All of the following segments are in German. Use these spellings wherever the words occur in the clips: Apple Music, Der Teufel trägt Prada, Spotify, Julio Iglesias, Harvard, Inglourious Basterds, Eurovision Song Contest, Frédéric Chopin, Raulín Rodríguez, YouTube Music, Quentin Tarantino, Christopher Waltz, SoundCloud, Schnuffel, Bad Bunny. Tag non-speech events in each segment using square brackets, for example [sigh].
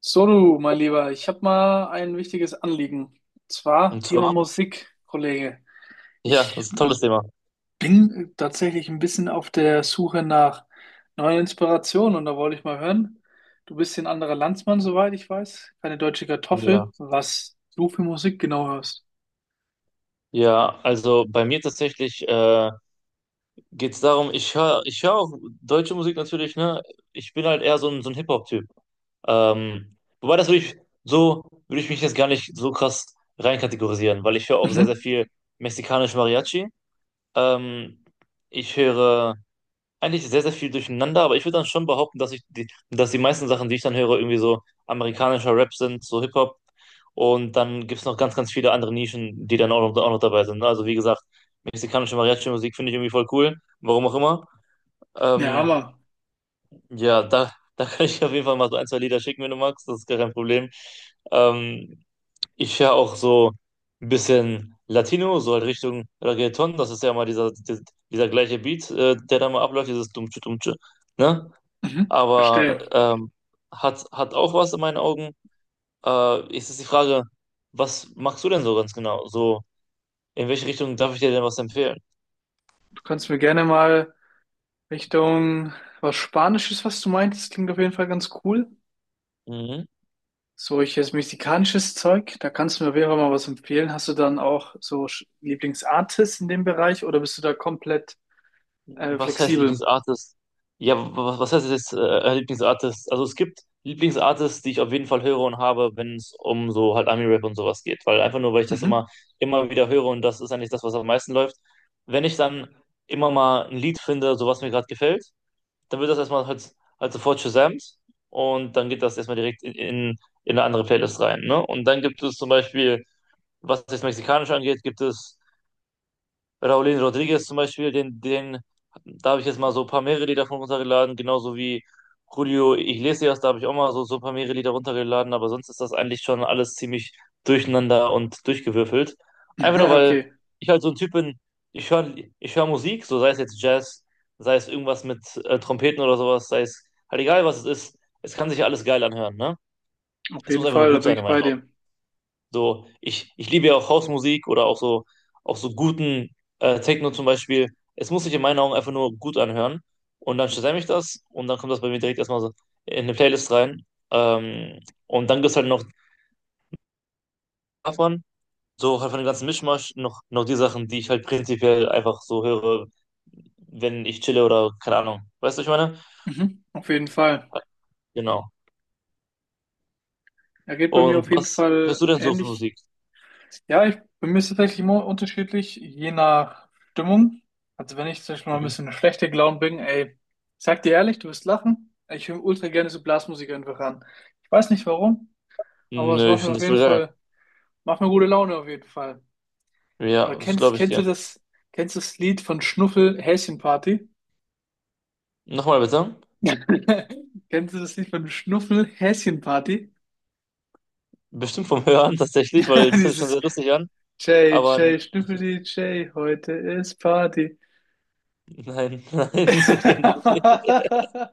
So, du, mein Lieber, ich habe mal ein wichtiges Anliegen. Und zwar Und Thema zwar, Musik, Kollege. ja, das Ich ist ein tolles Thema. bin tatsächlich ein bisschen auf der Suche nach neuen Inspirationen und da wollte ich mal hören. Du bist hier ein anderer Landsmann, soweit ich weiß. Keine deutsche Ja, Kartoffel. Was du für Musik genau hörst? ja, also bei mir tatsächlich geht es darum, ich hör auch deutsche Musik natürlich, ne? Ich bin halt eher so ein Hip-Hop-Typ. Wobei das würde ich, so würde ich mich jetzt gar nicht so krass reinkategorisieren, weil ich höre auch sehr, sehr Mhm. viel mexikanisch Mariachi. Ähm, ich höre eigentlich sehr, sehr viel durcheinander, aber ich würde dann schon behaupten, dass die meisten Sachen, die ich dann höre, irgendwie so amerikanischer Rap sind, so Hip-Hop. Und dann gibt es noch ganz, ganz viele andere Nischen, die dann auch noch dabei sind. Ne? Also wie gesagt, mexikanische Mariachi-Musik finde ich irgendwie voll cool, warum auch immer. Ja, Ähm, Hammer. ja, da kann ich auf jeden Fall mal so ein, zwei Lieder schicken, wenn du magst, das ist gar kein Problem. Ähm, ich höre auch so ein bisschen Latino, so halt Richtung Reggaeton, das ist ja mal dieser gleiche Beat, der da mal abläuft, dieses Dumtsche, Dumtsche, ne? Mhm. Aber Verstehe. Hat auch was in meinen Augen. Jetzt ist die Frage, was machst du denn so ganz genau? So, in welche Richtung darf ich dir denn was empfehlen? Du kannst mir gerne mal Richtung was Spanisches, was du meintest, klingt auf jeden Fall ganz cool. Mhm. Solches mexikanisches Zeug. Da kannst du mir auf jeden Fall mal was empfehlen. Hast du dann auch so Lieblingsartists in dem Bereich oder bist du da komplett Was heißt flexibel? Lieblingsartist? Ja, was heißt jetzt Lieblingsartist? Also es gibt Lieblingsartists, die ich auf jeden Fall höre und habe, wenn es um so halt Ami-Rap und sowas geht. Weil einfach nur, weil ich das Mhm. immer, [laughs] immer wieder höre und das ist eigentlich das, was am meisten läuft. Wenn ich dann immer mal ein Lied finde, so was mir gerade gefällt, dann wird das erstmal halt sofort gesamt und dann geht das erstmal direkt in eine andere Playlist rein. Ne? Und dann gibt es zum Beispiel, was das Mexikanische angeht, gibt es Raulín Rodríguez zum Beispiel, da habe ich jetzt mal so ein paar mehrere Lieder von runtergeladen, genauso wie Julio Iglesias, da habe ich auch mal so, so ein paar mehrere Lieder runtergeladen, aber sonst ist das eigentlich schon alles ziemlich durcheinander und durchgewürfelt. Einfach nur, Ja, weil okay, ich halt so ein Typ bin, ich höre ich hör Musik, so sei es jetzt Jazz, sei es irgendwas mit Trompeten oder sowas, sei es halt egal, was es ist, es kann sich alles geil anhören, ne? auf Es muss jeden einfach nur Fall, da gut bin sein in ich bei meinen Augen. dir. So, ich liebe ja auch Hausmusik oder auch so guten Techno zum Beispiel. Es muss sich in meinen Augen einfach nur gut anhören. Und dann stelle ich das und dann kommt das bei mir direkt erstmal so in eine Playlist rein. Ähm, und dann gibt es halt noch davon, so halt von dem ganzen Mischmasch, noch die Sachen, die ich halt prinzipiell einfach so höre, wenn ich chille oder keine Ahnung. Weißt du, was ich meine? Mhm. Auf jeden Fall. Genau. Er geht bei mir Und auf jeden was hörst Fall du denn so für ähnlich. Musik? Ja, bei mir ist es tatsächlich immer unterschiedlich, je nach Stimmung. Also wenn ich zum Beispiel mal ein Mhm. bisschen schlechter gelaunt bin, ey, ich sag dir ehrlich, du wirst lachen. Ich höre ultra gerne so Blasmusik einfach an. Ich weiß nicht warum, aber es Nö, macht ich mir finde auf das jeden voll geil. Fall. Macht mir gute Laune auf jeden Fall. Oder Ja, das glaube ich dir. Kennst du das Lied von Schnuffel Häschenparty? Nochmal bitte. [laughs] Kennst du das Lied von Schnuffel Häschenparty? Bestimmt vom Hören tatsächlich, weil [laughs] das hört sich schon Dieses sehr lustig an. Jay, Aber n- Jay, Schnüffeli, Jay, heute ist Party. [laughs] nein, [laughs] nein, ich [laughs] kenne das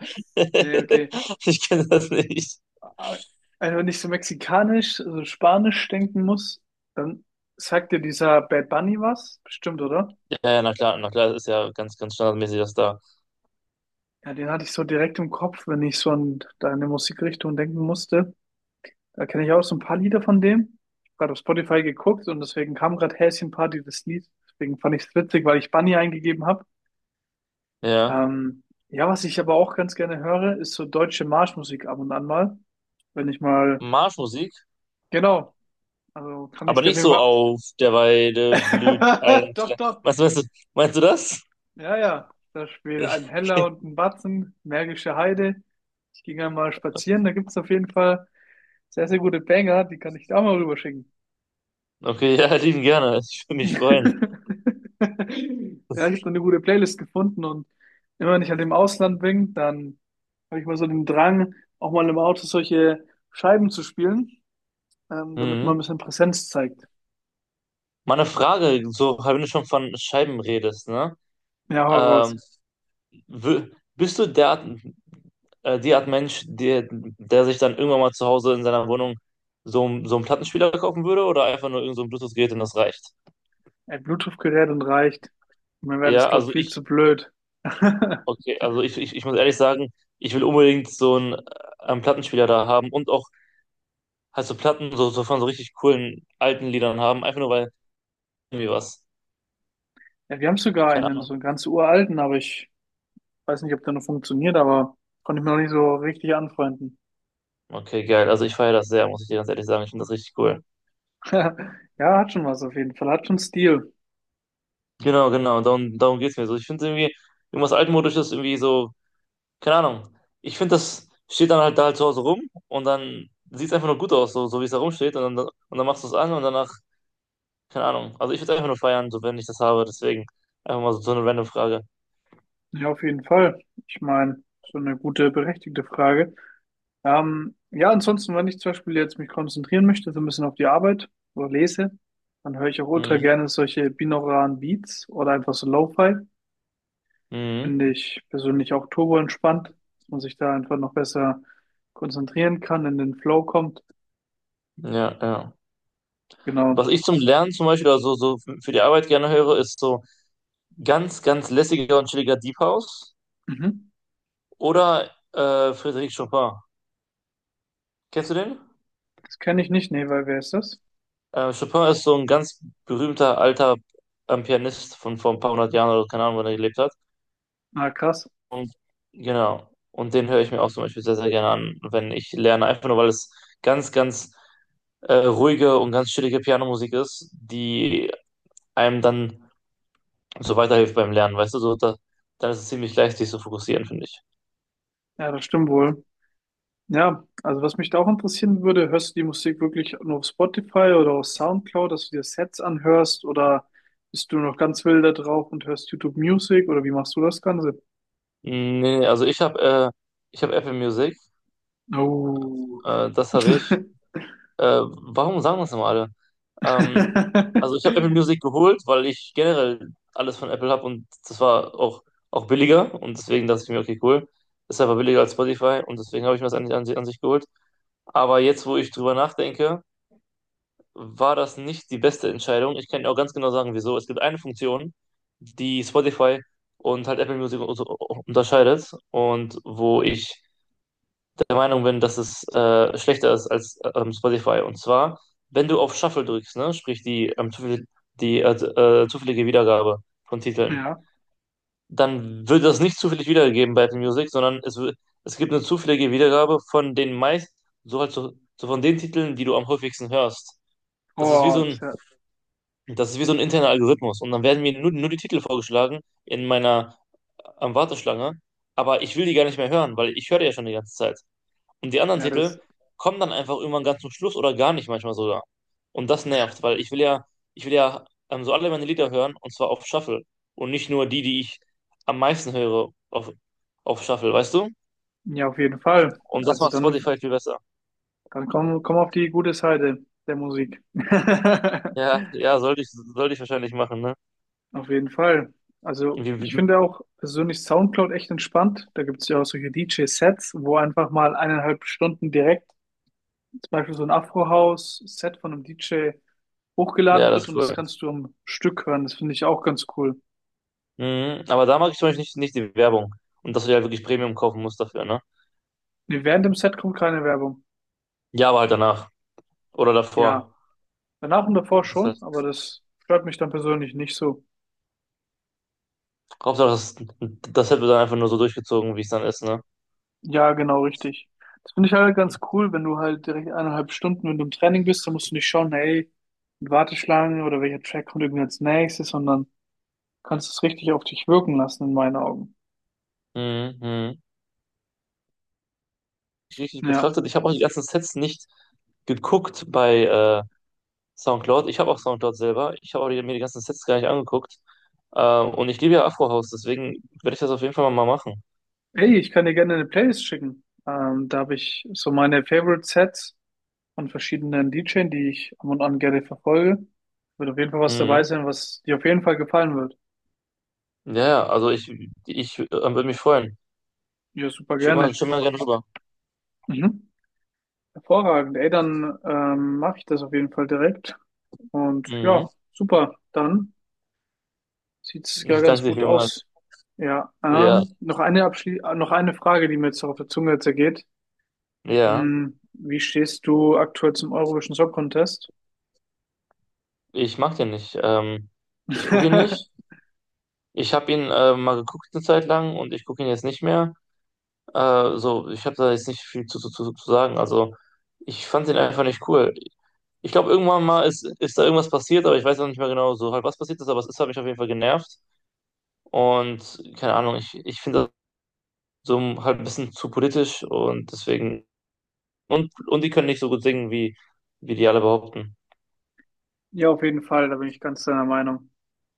nicht. Nee, okay. [laughs] Ich kenne das nicht. Aber wenn ich so mexikanisch, so spanisch denken muss, dann sagt dir dieser Bad Bunny was? Bestimmt, oder? Ja, ja, na klar, na klar, das ist ja ganz, ganz standardmäßig, das da. Ja, den hatte ich so direkt im Kopf, wenn ich so an deine Musikrichtung denken musste. Da kenne ich auch so ein paar Lieder von dem. Ich habe gerade auf Spotify geguckt und deswegen kam gerade Häschen Party das Lied. Deswegen fand ich es witzig, weil ich Bunny eingegeben habe. Ja. Ähm, ja, was ich aber auch ganz gerne höre, ist so deutsche Marschmusik ab und an mal. Wenn ich mal, Marschmusik, genau, also kann ich aber dir auf nicht jeden so Fall. auf der Weide blüht [laughs] ein. Doch, Kle- doch. Meinst du, meinst du, meinst du das? Ja, ja. Da spielt ein Heller und [laughs] ein Batzen, Märkische Heide. Ich ging einmal spazieren, da gibt es auf jeden Fall sehr, sehr gute Banger, die kann ich da mal rüberschicken. Okay, ja, lieben gerne. Ich würde mich freuen. [laughs] Ja, ich habe eine gute Playlist gefunden und immer wenn ich halt im Ausland bin, dann habe ich mal so den Drang, auch mal im Auto solche Scheiben zu spielen, damit man ein Mhm. bisschen Präsenz zeigt. Meine Frage, so, wenn du schon von Scheiben redest, ne? Ja, hau raus. Ähm, Wür- Bist du der Art, die Art Mensch, der sich dann irgendwann mal zu Hause in seiner Wohnung so einen Plattenspieler kaufen würde oder einfach nur irgend so ein Bluetooth-Gerät und das reicht? Ein Bluetooth-Gerät und reicht. Mir wäre das, Ja, glaube ich, also viel ich, zu blöd. [laughs] okay, also ich muss ehrlich sagen, ich will unbedingt so einen, einen Plattenspieler da haben und auch halt so Platten so, so von so richtig coolen alten Liedern haben, einfach nur weil irgendwie was. Ja, wir haben sogar Keine einen, Ahnung. so einen ganz uralten, aber ich weiß nicht, ob der noch funktioniert, aber konnte ich mir noch nicht so richtig anfreunden. Okay, geil. Also ich feiere das sehr, muss ich dir ganz ehrlich sagen. Ich finde das richtig cool. [laughs] Ja, hat schon was auf jeden Fall, hat schon Stil. Genau, genau. Darum geht es mir so. Ich finde irgendwie, irgendwas Altmodisches irgendwie so keine Ahnung. Ich finde, das steht dann halt da halt zu Hause rum und dann sieht es einfach nur gut aus, so, so wie es da rumsteht und dann machst du es an und danach, keine Ahnung. Also ich würde einfach nur feiern, so wenn ich das habe, deswegen einfach mal so, so eine random Frage. Ja, auf jeden Fall. Ich meine, so eine gute, berechtigte Frage. Ja, ansonsten, wenn ich zum Beispiel jetzt mich konzentrieren möchte, so ein bisschen auf die Arbeit oder lese, dann höre ich auch ultra Mhm. gerne solche binauralen Beats oder einfach so Lo-Fi. Mhm. Finde ich persönlich auch turbo entspannt, dass man sich da einfach noch besser konzentrieren kann, in den Flow kommt. Ja, ja. Genau. Was ich zum Lernen zum Beispiel oder so, so für die Arbeit gerne höre, ist so ganz, ganz lässiger und chilliger Deep House Mhm. oder Frédéric Chopin. Kennst du den? Das kenne ich nicht. Nee, weil wer ist das? Chopin ist so ein ganz berühmter alter Pianist von vor ein paar hundert Jahren oder keine Ahnung, wann er gelebt hat. Ah, krass. Genau. Und den höre ich mir auch zum Beispiel sehr, sehr gerne an, wenn ich lerne. Einfach nur, weil es ganz, ganz ruhige und ganz chillige Pianomusik ist, die einem dann so weiterhilft beim Lernen, weißt du, so da, dann ist es ziemlich leicht, sich zu fokussieren, finde ich. Ja, das stimmt wohl. Ja, also was mich da auch interessieren würde, hörst du die Musik wirklich nur auf Spotify oder auf SoundCloud, dass du dir Sets anhörst oder bist du noch ganz wild da drauf und hörst YouTube Music oder wie machst du das Ganze? Nee, nee, also ich habe Apple Music, Oh. Das habe ich. Warum sagen das immer alle? Ähm, also ich habe Apple [laughs] Music geholt, weil ich generell alles von Apple habe und das war auch, auch billiger und deswegen dachte ich mir, okay, cool, ist aber billiger als Spotify und deswegen habe ich mir das an sich geholt. Aber jetzt, wo ich drüber nachdenke, war das nicht die beste Entscheidung. Ich kann dir auch ganz genau sagen, wieso. Es gibt eine Funktion, die Spotify und halt Apple Music unterscheidet und wo ich der Meinung bin, dass es schlechter ist als Spotify. Und zwar, wenn du auf Shuffle drückst, ne, sprich die, zufällig, die zufällige Wiedergabe von Titeln, Ja. dann wird das nicht zufällig wiedergegeben bei Apple Music, sondern es gibt eine zufällige Wiedergabe von den meist, so halt so, so von den Titeln, die du am häufigsten hörst. Das ist wie Oh, so das ein, ist ja, das ist wie so ein interner Algorithmus. Und dann werden mir nur die Titel vorgeschlagen in meiner Warteschlange, aber ich will die gar nicht mehr hören, weil ich höre die ja schon die ganze Zeit. Und die anderen ja, das, Titel kommen dann einfach irgendwann ganz zum Schluss oder gar nicht manchmal sogar. Und das nervt, weil ich will ja, so alle meine Lieder hören und zwar auf Shuffle und nicht nur die, die ich am meisten höre auf Shuffle, weißt du? ja, auf jeden Fall. Und das Also macht dann, Spotify viel besser. dann komm auf die gute Seite der Musik. [laughs] Ja, ja, sollte ich wahrscheinlich machen, ne? Auf jeden Fall. Also Wie, ich wie, finde auch persönlich SoundCloud echt entspannt. Da gibt es ja auch solche DJ-Sets, wo einfach mal 1,5 Stunden direkt zum Beispiel so ein Afro-House-Set von einem DJ ja, hochgeladen das wird ist und das cool. kannst du am Stück hören. Das finde ich auch ganz cool. Mhm, aber da mag ich zum Beispiel nicht die Werbung. Und dass du dir halt wirklich Premium kaufen musst dafür, ne? Nee, während dem Set kommt keine Werbung. Ja, aber halt danach. Oder Ja, davor. danach und davor Das schon, heißt, aber das stört mich dann persönlich nicht so. Hauptsache, das, das hätte dann einfach nur so durchgezogen, wie es dann ist, ne? Ja, genau richtig. Das finde ich halt ganz cool, wenn du halt direkt 1,5 Stunden, wenn du im Training bist, dann musst du nicht schauen, hey, Warteschlange oder welcher Track kommt irgendwie als nächstes, sondern kannst es richtig auf dich wirken lassen, in meinen Augen. Mhm, mhm. Richtig Ja. betrachtet. Ich habe auch die ganzen Sets nicht geguckt bei SoundCloud. Ich habe auch SoundCloud selber. Ich habe auch die, mir die ganzen Sets gar nicht angeguckt. Und ich liebe ja Afrohaus, deswegen werde ich das auf jeden Fall mal machen. Ey, ich kann dir gerne eine Playlist schicken. Da habe ich so meine Favorite Sets von verschiedenen DJs, die ich ab und an gerne verfolge. Wird auf jeden Fall was Mhm. dabei sein, was dir auf jeden Fall gefallen wird. Ja, ja, also ich, würde mich freuen. Ja, super Schick mal, gerne. schick mal gerne rüber. Mhm. Hervorragend. Ey, dann mache ich das auf jeden Fall direkt. Und Mhm. ja, super. Dann sieht's ja Ich ganz danke dir gut vielmals. aus. Ja, Ja, noch eine Abschli noch eine Frage, die mir jetzt auf der Zunge zergeht. ja, Hm, wie stehst du aktuell zum Eurovision Song Contest? ich mag den nicht. Ich gucke ihn nicht. [laughs] Ich habe ihn mal geguckt eine Zeit lang und ich gucke ihn jetzt nicht mehr. So, ich habe da jetzt nicht viel zu sagen. Also, ich fand den einfach nicht cool. Ich glaube, irgendwann mal ist da irgendwas passiert, aber ich weiß auch nicht mehr genau so halt, was passiert ist, aber es ist, hat mich auf jeden Fall genervt. Und keine Ahnung, ich finde das so halt ein bisschen zu politisch und deswegen. Und die können nicht so gut singen, wie, wie die alle behaupten. Ja, auf jeden Fall, da bin ich ganz deiner Meinung.